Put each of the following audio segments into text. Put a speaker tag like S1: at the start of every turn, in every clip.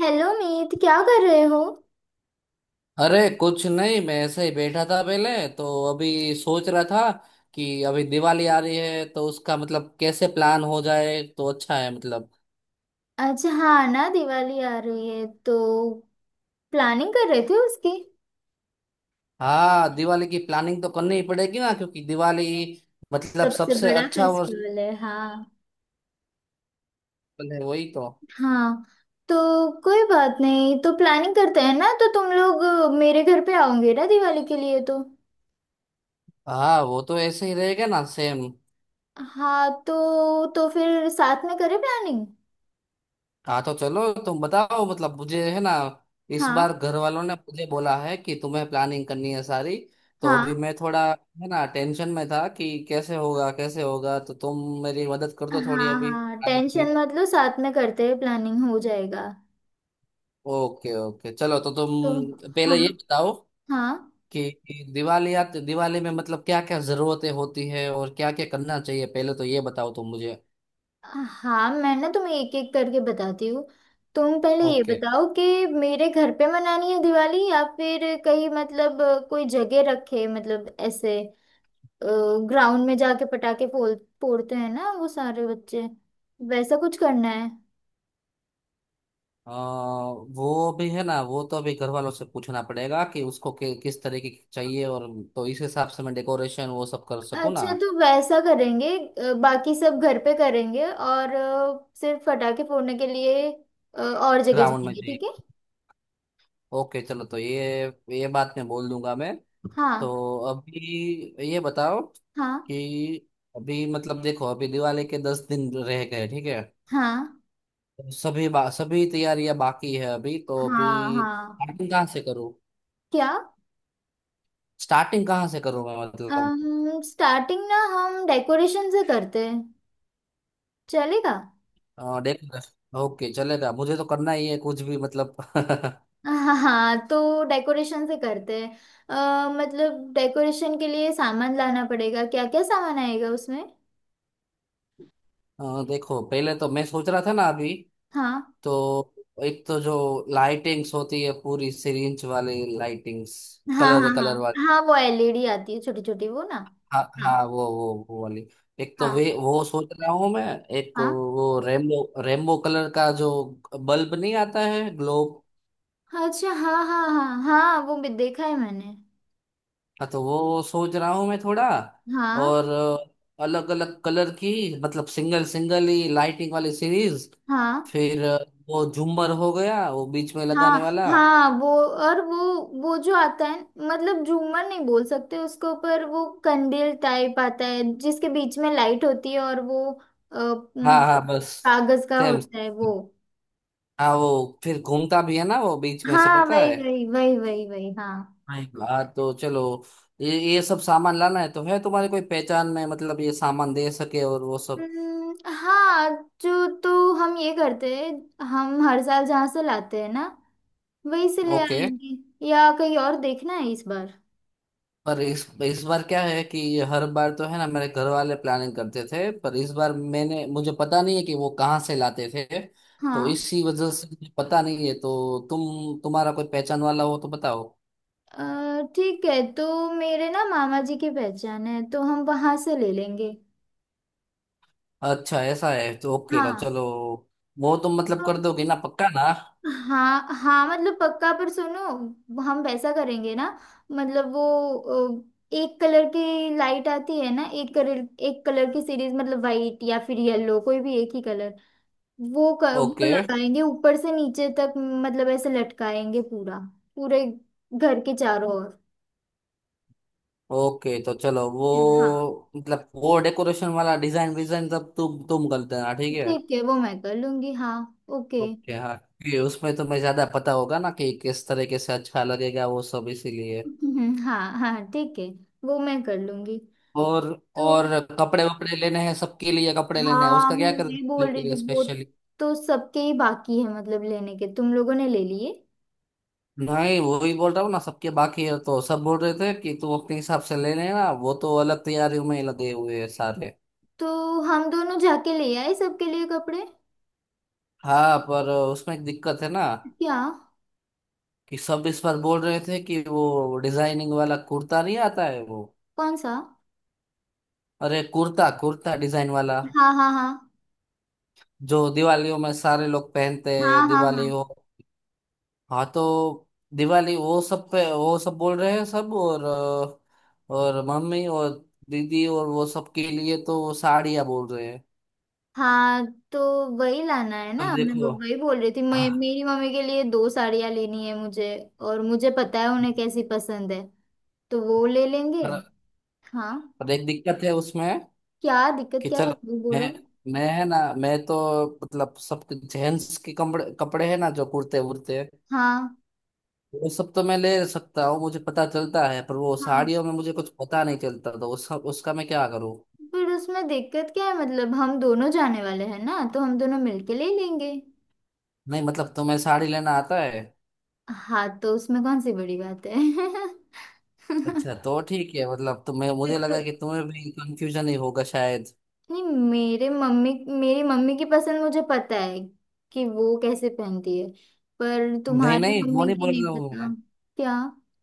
S1: Hello Meet, क्या कर रहे हो?
S2: अरे कुछ नहीं, मैं ऐसे ही बैठा था पहले। तो अभी सोच रहा था कि अभी दिवाली आ रही है तो उसका मतलब कैसे प्लान हो जाए तो अच्छा है मतलब।
S1: अच्छा, हाँ ना, दिवाली आ रही है तो प्लानिंग कर रहे थे उसकी।
S2: हाँ, दिवाली की प्लानिंग तो करनी ही पड़ेगी ना, क्योंकि दिवाली मतलब
S1: सबसे
S2: सबसे
S1: बड़ा
S2: अच्छा और।
S1: फेस्टिवल है। हाँ।
S2: है वही तो।
S1: हाँ तो कोई बात नहीं, तो प्लानिंग करते हैं ना। तो तुम लोग मेरे घर पे आओगे ना दिवाली के लिए? तो
S2: हाँ, वो तो ऐसे ही रहेगा ना, सेम।
S1: हाँ तो फिर साथ में करें प्लानिंग।
S2: हाँ तो चलो तुम बताओ, मतलब मुझे है ना, इस बार
S1: हाँ
S2: घर वालों ने मुझे बोला है कि तुम्हें प्लानिंग करनी है सारी। तो अभी
S1: हाँ
S2: मैं थोड़ा है ना टेंशन में था कि कैसे होगा कैसे होगा, तो तुम मेरी मदद कर
S1: हाँ
S2: दो थोड़ी अभी
S1: हाँ,
S2: प्लानिंग में।
S1: टेंशन मत लो, साथ में करते हैं, प्लानिंग हो जाएगा।
S2: ओके ओके, चलो तो
S1: तो
S2: तुम पहले
S1: हाँ
S2: ये बताओ
S1: हाँ
S2: कि दिवाली या दिवाली में मतलब क्या क्या जरूरतें होती है और क्या क्या करना चाहिए, पहले तो ये बताओ तुम मुझे।
S1: हाँ, मैं ना तुम्हें एक एक करके बताती हूँ। तुम पहले ये
S2: ओके।
S1: बताओ कि मेरे घर पे मनानी है दिवाली, या फिर कहीं? मतलब कोई जगह रखे, मतलब ऐसे ग्राउंड में जाके पटाखे फोड़ते हैं ना वो सारे बच्चे, वैसा कुछ करना है?
S2: वो भी है ना, वो तो अभी घर वालों से पूछना पड़ेगा कि उसको किस तरीके की चाहिए, और तो इस हिसाब से मैं डेकोरेशन वो सब कर सकूँ ना।
S1: अच्छा तो वैसा करेंगे। बाकी सब घर पे करेंगे और सिर्फ पटाखे फोड़ने के लिए और जगह
S2: ग्राउंड में
S1: जाएंगे,
S2: चाहिए।
S1: ठीक है।
S2: ओके चलो तो ये बात मैं बोल दूंगा मैं।
S1: हाँ
S2: तो अभी ये बताओ
S1: हाँ
S2: कि अभी मतलब देखो अभी दिवाली के 10 दिन रह गए, ठीक है।
S1: हाँ
S2: तो सभी तैयारियां बाकी है अभी, तो अभी
S1: हाँ हाँ।
S2: स्टार्टिंग कहाँ से करूँ।
S1: क्या?
S2: स्टार्टिंग कहाँ से करूँ मैं, मतलब।
S1: हम स्टार्टिंग ना हम डेकोरेशन से करते हैं, चलेगा?
S2: हाँ देखना। ओके चलेगा, मुझे तो करना ही है कुछ भी मतलब।
S1: हाँ हाँ, तो डेकोरेशन से करते हैं। मतलब डेकोरेशन के लिए सामान लाना पड़ेगा, क्या क्या सामान आएगा उसमें?
S2: हाँ, देखो पहले तो मैं सोच रहा था ना अभी।
S1: हाँ
S2: तो एक तो जो लाइटिंग्स होती है, पूरी सिरिंज वाली लाइटिंग्स,
S1: हाँ
S2: कलर
S1: हाँ
S2: कलर वाली।
S1: हाँ हाँ, वो एलईडी आती है छोटी छोटी, वो ना।
S2: हाँ हाँ,
S1: हाँ
S2: वो वाली। एक तो
S1: हाँ
S2: वे वो सोच रहा हूँ मैं। एक
S1: हाँ
S2: वो रेमबो रेमबो कलर का जो बल्ब नहीं आता है, ग्लोब।
S1: हाँ, अच्छा, हाँ हाँ हाँ हाँ, वो भी देखा है मैंने।
S2: हाँ तो वो सोच रहा हूँ मैं थोड़ा। और
S1: हाँ
S2: अलग अलग कलर की, मतलब सिंगल सिंगल ही लाइटिंग वाली सीरीज।
S1: हाँ
S2: फिर वो झूमर हो गया, वो बीच में
S1: हाँ
S2: लगाने वाला।
S1: हाँ वो, और वो जो आता है, मतलब झूमर नहीं बोल सकते उसको, पर वो कंडील टाइप आता है जिसके बीच में लाइट होती है और वो,
S2: हाँ
S1: मतलब
S2: हाँ बस,
S1: कागज का
S2: सेम।
S1: होता है वो।
S2: हाँ, वो फिर घूमता भी है ना वो बीच में से,
S1: हाँ
S2: पता
S1: वही
S2: है।
S1: वही वही वही वही, हाँ।
S2: हाँ। हाँ तो चलो, ये सब सामान लाना है, तो है तुम्हारे कोई पहचान में, मतलब ये सामान दे सके और वो सब।
S1: हाँ, जो तो हम ये करते हैं, हम हर साल जहाँ से लाते हैं ना, वहीं से ले
S2: ओके।
S1: आएंगे, या कहीं और देखना है इस बार।
S2: पर इस बार क्या है कि हर बार तो है ना मेरे घर वाले प्लानिंग करते थे, पर इस बार मैंने मुझे पता नहीं है कि वो कहाँ से लाते थे। तो
S1: हाँ,
S2: इसी वजह से मुझे पता नहीं है, तो तुम तुम्हारा कोई पहचान वाला हो तो बताओ।
S1: ठीक है, तो मेरे ना मामा जी की पहचान है, तो हम वहां से ले लेंगे।
S2: अच्छा ऐसा है, तो ओके तो
S1: हाँ
S2: चलो। वो तुम मतलब
S1: तो
S2: कर दोगे ना पक्का ना।
S1: हाँ हाँ, मतलब पक्का, पर सुनो, हम वैसा करेंगे ना, मतलब वो, एक कलर की लाइट आती है ना, एक कलर की सीरीज, मतलब वाइट या फिर येलो, कोई भी एक ही कलर, वो वो
S2: ओके
S1: लगाएंगे ऊपर से नीचे तक, मतलब ऐसे लटकाएंगे पूरा, पूरे घर के चारों ओर।
S2: ओके तो चलो, वो
S1: हाँ
S2: मतलब वो डेकोरेशन वाला डिजाइन विजाइन सब तुम कर देना, ठीक है।
S1: ठीक है, वो मैं कर लूंगी हाँ। ओके।
S2: ओके हाँ, क्योंकि उसमें तुम्हें ज्यादा पता होगा ना कि किस तरीके से अच्छा लगेगा वो सब, इसीलिए।
S1: हाँ हाँ ठीक है, वो मैं कर लूंगी।
S2: और
S1: तो
S2: और कपड़े वपड़े लेने हैं, सबके लिए कपड़े लेने हैं,
S1: हाँ,
S2: उसका
S1: मैं
S2: क्या कर,
S1: वही
S2: कपड़े
S1: बोल रही
S2: के
S1: थी,
S2: लिए
S1: वो
S2: स्पेशली।
S1: तो सबके ही बाकी है मतलब, लेने के। तुम लोगों ने ले लिए?
S2: नहीं, वो ही बोल रहा हूँ ना, सबके बाकी है तो सब बोल रहे थे कि तू अपने हिसाब से ले लेना, वो तो अलग तैयारियों में लगे हुए हैं सारे।
S1: तो हम दोनों जाके ले आए सबके लिए कपड़े।
S2: हाँ पर उसमें एक दिक्कत है ना।
S1: क्या?
S2: कि सब इस बार बोल रहे थे कि वो डिजाइनिंग वाला कुर्ता नहीं आता है वो।
S1: कौन सा?
S2: अरे कुर्ता, डिजाइन वाला
S1: हाँ हाँ हाँ
S2: जो दिवालियों में सारे लोग पहनते
S1: हाँ
S2: हैं,
S1: हाँ हाँ
S2: दिवाली हो। हाँ तो दिवाली वो सब पे वो सब बोल रहे हैं सब, और और मम्मी और दीदी और वो सब के लिए तो वो साड़ियाँ बोल रहे हैं।
S1: हाँ। तो वही लाना है
S2: तो
S1: ना, मैं
S2: देखो।
S1: वही बोल रही थी। मैं,
S2: हाँ
S1: मेरी मम्मी के लिए दो साड़ियाँ लेनी है मुझे, और मुझे पता है उन्हें कैसी पसंद है, तो वो ले लेंगे।
S2: पर,
S1: हाँ,
S2: पर एक दिक्कत है उसमें।
S1: क्या दिक्कत,
S2: कि
S1: क्या है
S2: चलो,
S1: वो बोलो
S2: मैं
S1: ना।
S2: है ना, मैं तो मतलब सब जेंट्स के कपड़े कपड़े है ना, जो कुर्ते वुर्ते
S1: हाँ
S2: वो सब तो मैं ले सकता हूँ, मुझे पता चलता है, पर वो
S1: हाँ,
S2: साड़ियों में मुझे कुछ पता नहीं चलता, तो उसका मैं क्या करूँ।
S1: पर उसमें दिक्कत क्या है, मतलब हम दोनों जाने वाले हैं ना, तो हम दोनों मिलके ले लेंगे।
S2: नहीं मतलब तुम्हें साड़ी लेना आता है।
S1: हाँ तो उसमें कौन सी बड़ी बात है?
S2: अच्छा तो ठीक है, मतलब तुम्हें, मुझे लगा
S1: देखो,
S2: कि तुम्हें भी कंफ्यूजन ही होगा शायद।
S1: नहीं, मेरे मम्मी मेरी मम्मी की पसंद मुझे पता है कि वो कैसे पहनती है, पर
S2: नहीं
S1: तुम्हारी
S2: नहीं, वो
S1: मम्मी
S2: नहीं
S1: की
S2: बोल
S1: नहीं
S2: रहा हूँ
S1: पता।
S2: मैं।
S1: क्या?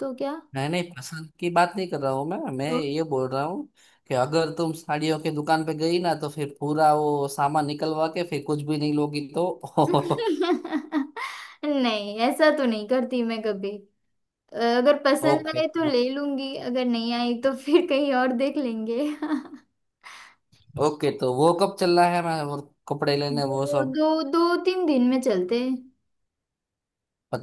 S1: तो क्या?
S2: नहीं नहीं, पसंद की बात नहीं कर रहा हूँ मैं,
S1: तो
S2: ये बोल रहा हूँ कि अगर तुम साड़ियों की दुकान पे गई ना तो फिर पूरा वो सामान निकलवा के फिर कुछ भी नहीं लोगी तो।
S1: नहीं, ऐसा तो नहीं करती मैं कभी। अगर पसंद
S2: ओके।
S1: आए तो ले लूंगी, अगर नहीं आई तो फिर कहीं और देख लेंगे।
S2: ओके तो वो कब चलना है, मैं वो कपड़े लेने वो
S1: दो
S2: सब।
S1: दो दो तीन दिन में चलते हैं।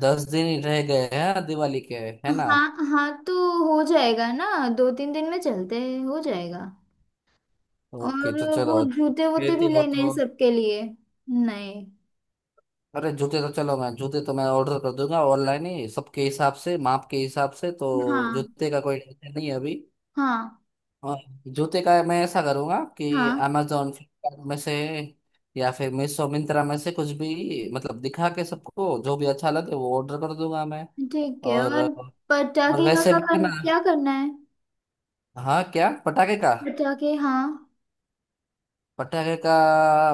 S2: 10 दिन ही रह गए हैं दिवाली के, है ना।
S1: हाँ हाँ, तो हो जाएगा ना, दो तीन दिन में चलते हैं, हो जाएगा।
S2: ओके
S1: और
S2: तो
S1: वो
S2: चलो।
S1: जूते वूते भी
S2: फिर हो
S1: लेने हैं
S2: तो।
S1: सबके लिए। नहीं,
S2: अरे जूते तो चलो, मैं जूते तो मैं ऑर्डर कर दूंगा, ऑनलाइन ही सबके हिसाब से माप के हिसाब से, तो
S1: हाँ
S2: जूते का कोई टेंशन नहीं है अभी।
S1: हाँ
S2: और जूते का मैं ऐसा करूंगा कि
S1: हाँ,
S2: अमेजोन फ्लिपकार्ट में से या फिर मीशो मिंत्रा में से कुछ भी मतलब दिखा के सबको जो भी अच्छा लगे वो ऑर्डर कर दूंगा मैं।
S1: ठीक है।
S2: और
S1: और
S2: और
S1: पटाखे का,
S2: वैसे
S1: का,
S2: भी
S1: का क्या
S2: ना।
S1: करना है?
S2: हाँ क्या, पटाखे का।
S1: पटाखे, हाँ,
S2: पटाखे का,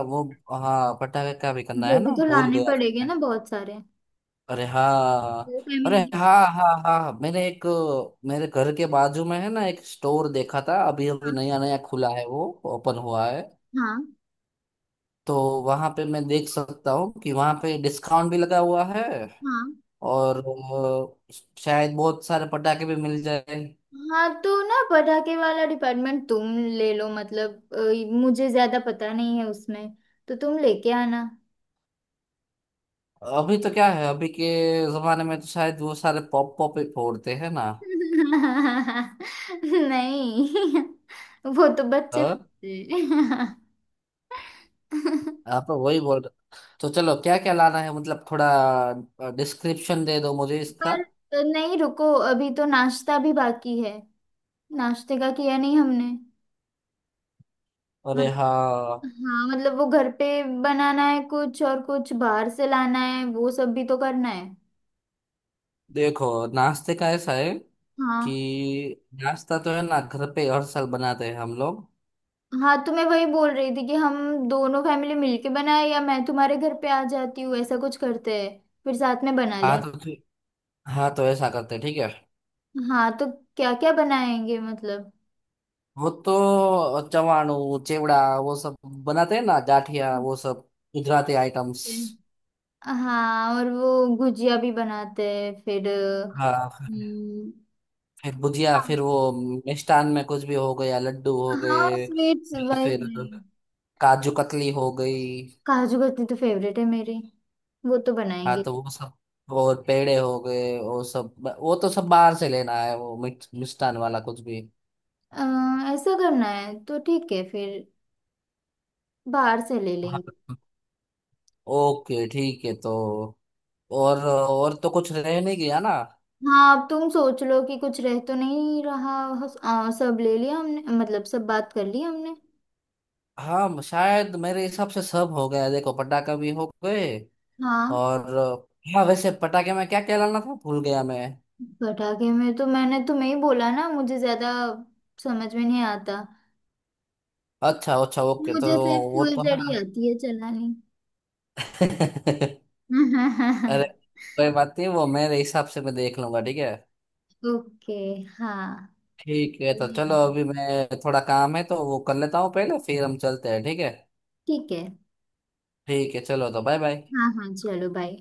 S2: वो। हाँ पटाखे का भी करना
S1: वो
S2: है ना,
S1: भी तो
S2: भूल
S1: लाने पड़ेंगे
S2: गया।
S1: ना बहुत सारे,
S2: अरे हाँ। अरे
S1: फैमिली के।
S2: हाँ हाँ हाँ, मैंने एक, मेरे घर के बाजू में है ना एक स्टोर देखा था, अभी अभी
S1: हाँ
S2: नया नया खुला है वो, ओपन हुआ है। तो वहां पे मैं देख सकता हूँ कि वहां पे डिस्काउंट भी लगा हुआ है,
S1: हाँ
S2: और अ, शायद बहुत सारे पटाखे भी मिल जाए।
S1: हाँ, तो ना पटाखे वाला डिपार्टमेंट तुम ले लो, मतलब मुझे ज्यादा पता नहीं है उसमें, तो तुम लेके आना।
S2: अभी तो क्या है, अभी के जमाने में तो शायद वो सारे पॉप पॉप ही फोड़ते हैं ना।
S1: नहीं, वो तो बच्चे
S2: हाँ।
S1: फंसे।
S2: आप तो वही बोल रहे। तो चलो, क्या क्या लाना है, मतलब थोड़ा डिस्क्रिप्शन दे दो मुझे इसका।
S1: पर नहीं रुको, अभी तो नाश्ता भी बाकी है, नाश्ते का किया नहीं हमने।
S2: अरे
S1: मत,
S2: हाँ।
S1: हाँ मतलब वो घर पे बनाना है कुछ, और कुछ बाहर से लाना है, वो सब भी तो करना है।
S2: देखो नाश्ते का ऐसा है कि
S1: हाँ
S2: नाश्ता तो है ना घर पे हर साल बनाते हैं हम लोग।
S1: हाँ, तो मैं वही बोल रही थी कि हम दोनों फैमिली मिलके बनाए, या मैं तुम्हारे घर पे आ जाती हूँ, ऐसा कुछ करते हैं, फिर साथ में बना
S2: हाँ
S1: लेंगे।
S2: तो हाँ तो ऐसा करते हैं, ठीक है।
S1: हाँ तो क्या क्या बनाएंगे मतलब?
S2: वो तो चवाणू चिवड़ा वो सब बनाते हैं ना, जाठिया
S1: हाँ
S2: वो सब, गुजराती आइटम्स।
S1: ठीक है। हाँ, और वो गुजिया भी बनाते हैं फिर।
S2: हाँ फिर,
S1: हम्म,
S2: भुजिया,
S1: हाँ
S2: फिर वो मिष्ठान में कुछ भी हो गया, लड्डू हो
S1: हाँ,
S2: गए
S1: और स्वीट्स
S2: या
S1: वही
S2: फिर
S1: वही।
S2: काजू कतली हो गई।
S1: काजू कतली तो फेवरेट है मेरी, वो तो
S2: हाँ
S1: बनाएंगे।
S2: तो वो सब, और पेड़े हो गए वो सब, वो तो सब बाहर से लेना है, वो मिष्ठान वाला कुछ भी।
S1: अ, ऐसा करना है तो ठीक है, फिर बाहर से ले लेंगे।
S2: हाँ ओके ठीक है तो। और तो कुछ रह नहीं गया ना।
S1: हाँ, अब तुम सोच लो कि कुछ रह तो नहीं रहा। सब ले लिया हमने, मतलब सब बात कर ली हमने।
S2: हाँ शायद मेरे हिसाब से सब हो गया, देखो पटाखा भी हो गए,
S1: हाँ,
S2: और हाँ वैसे पटाखे में क्या क्या लाना था, भूल गया मैं।
S1: पटाखे में तो मैंने तुम्हें ही बोला ना, मुझे ज्यादा समझ में नहीं आता,
S2: अच्छा अच्छा ओके, तो
S1: मुझे सिर्फ
S2: वो तो है
S1: फुलझड़ी
S2: ना।
S1: आती है चलानी।
S2: अरे कोई बात नहीं, वो मेरे हिसाब से मैं देख लूंगा, ठीक है।
S1: ओके, हाँ,
S2: ठीक है, तो
S1: ठीक
S2: चलो अभी मैं, थोड़ा काम है तो वो कर लेता हूँ पहले, फिर हम चलते हैं, ठीक है।
S1: है।
S2: ठीक है, चलो तो बाय बाय।
S1: हाँ हाँ, चलो बाय।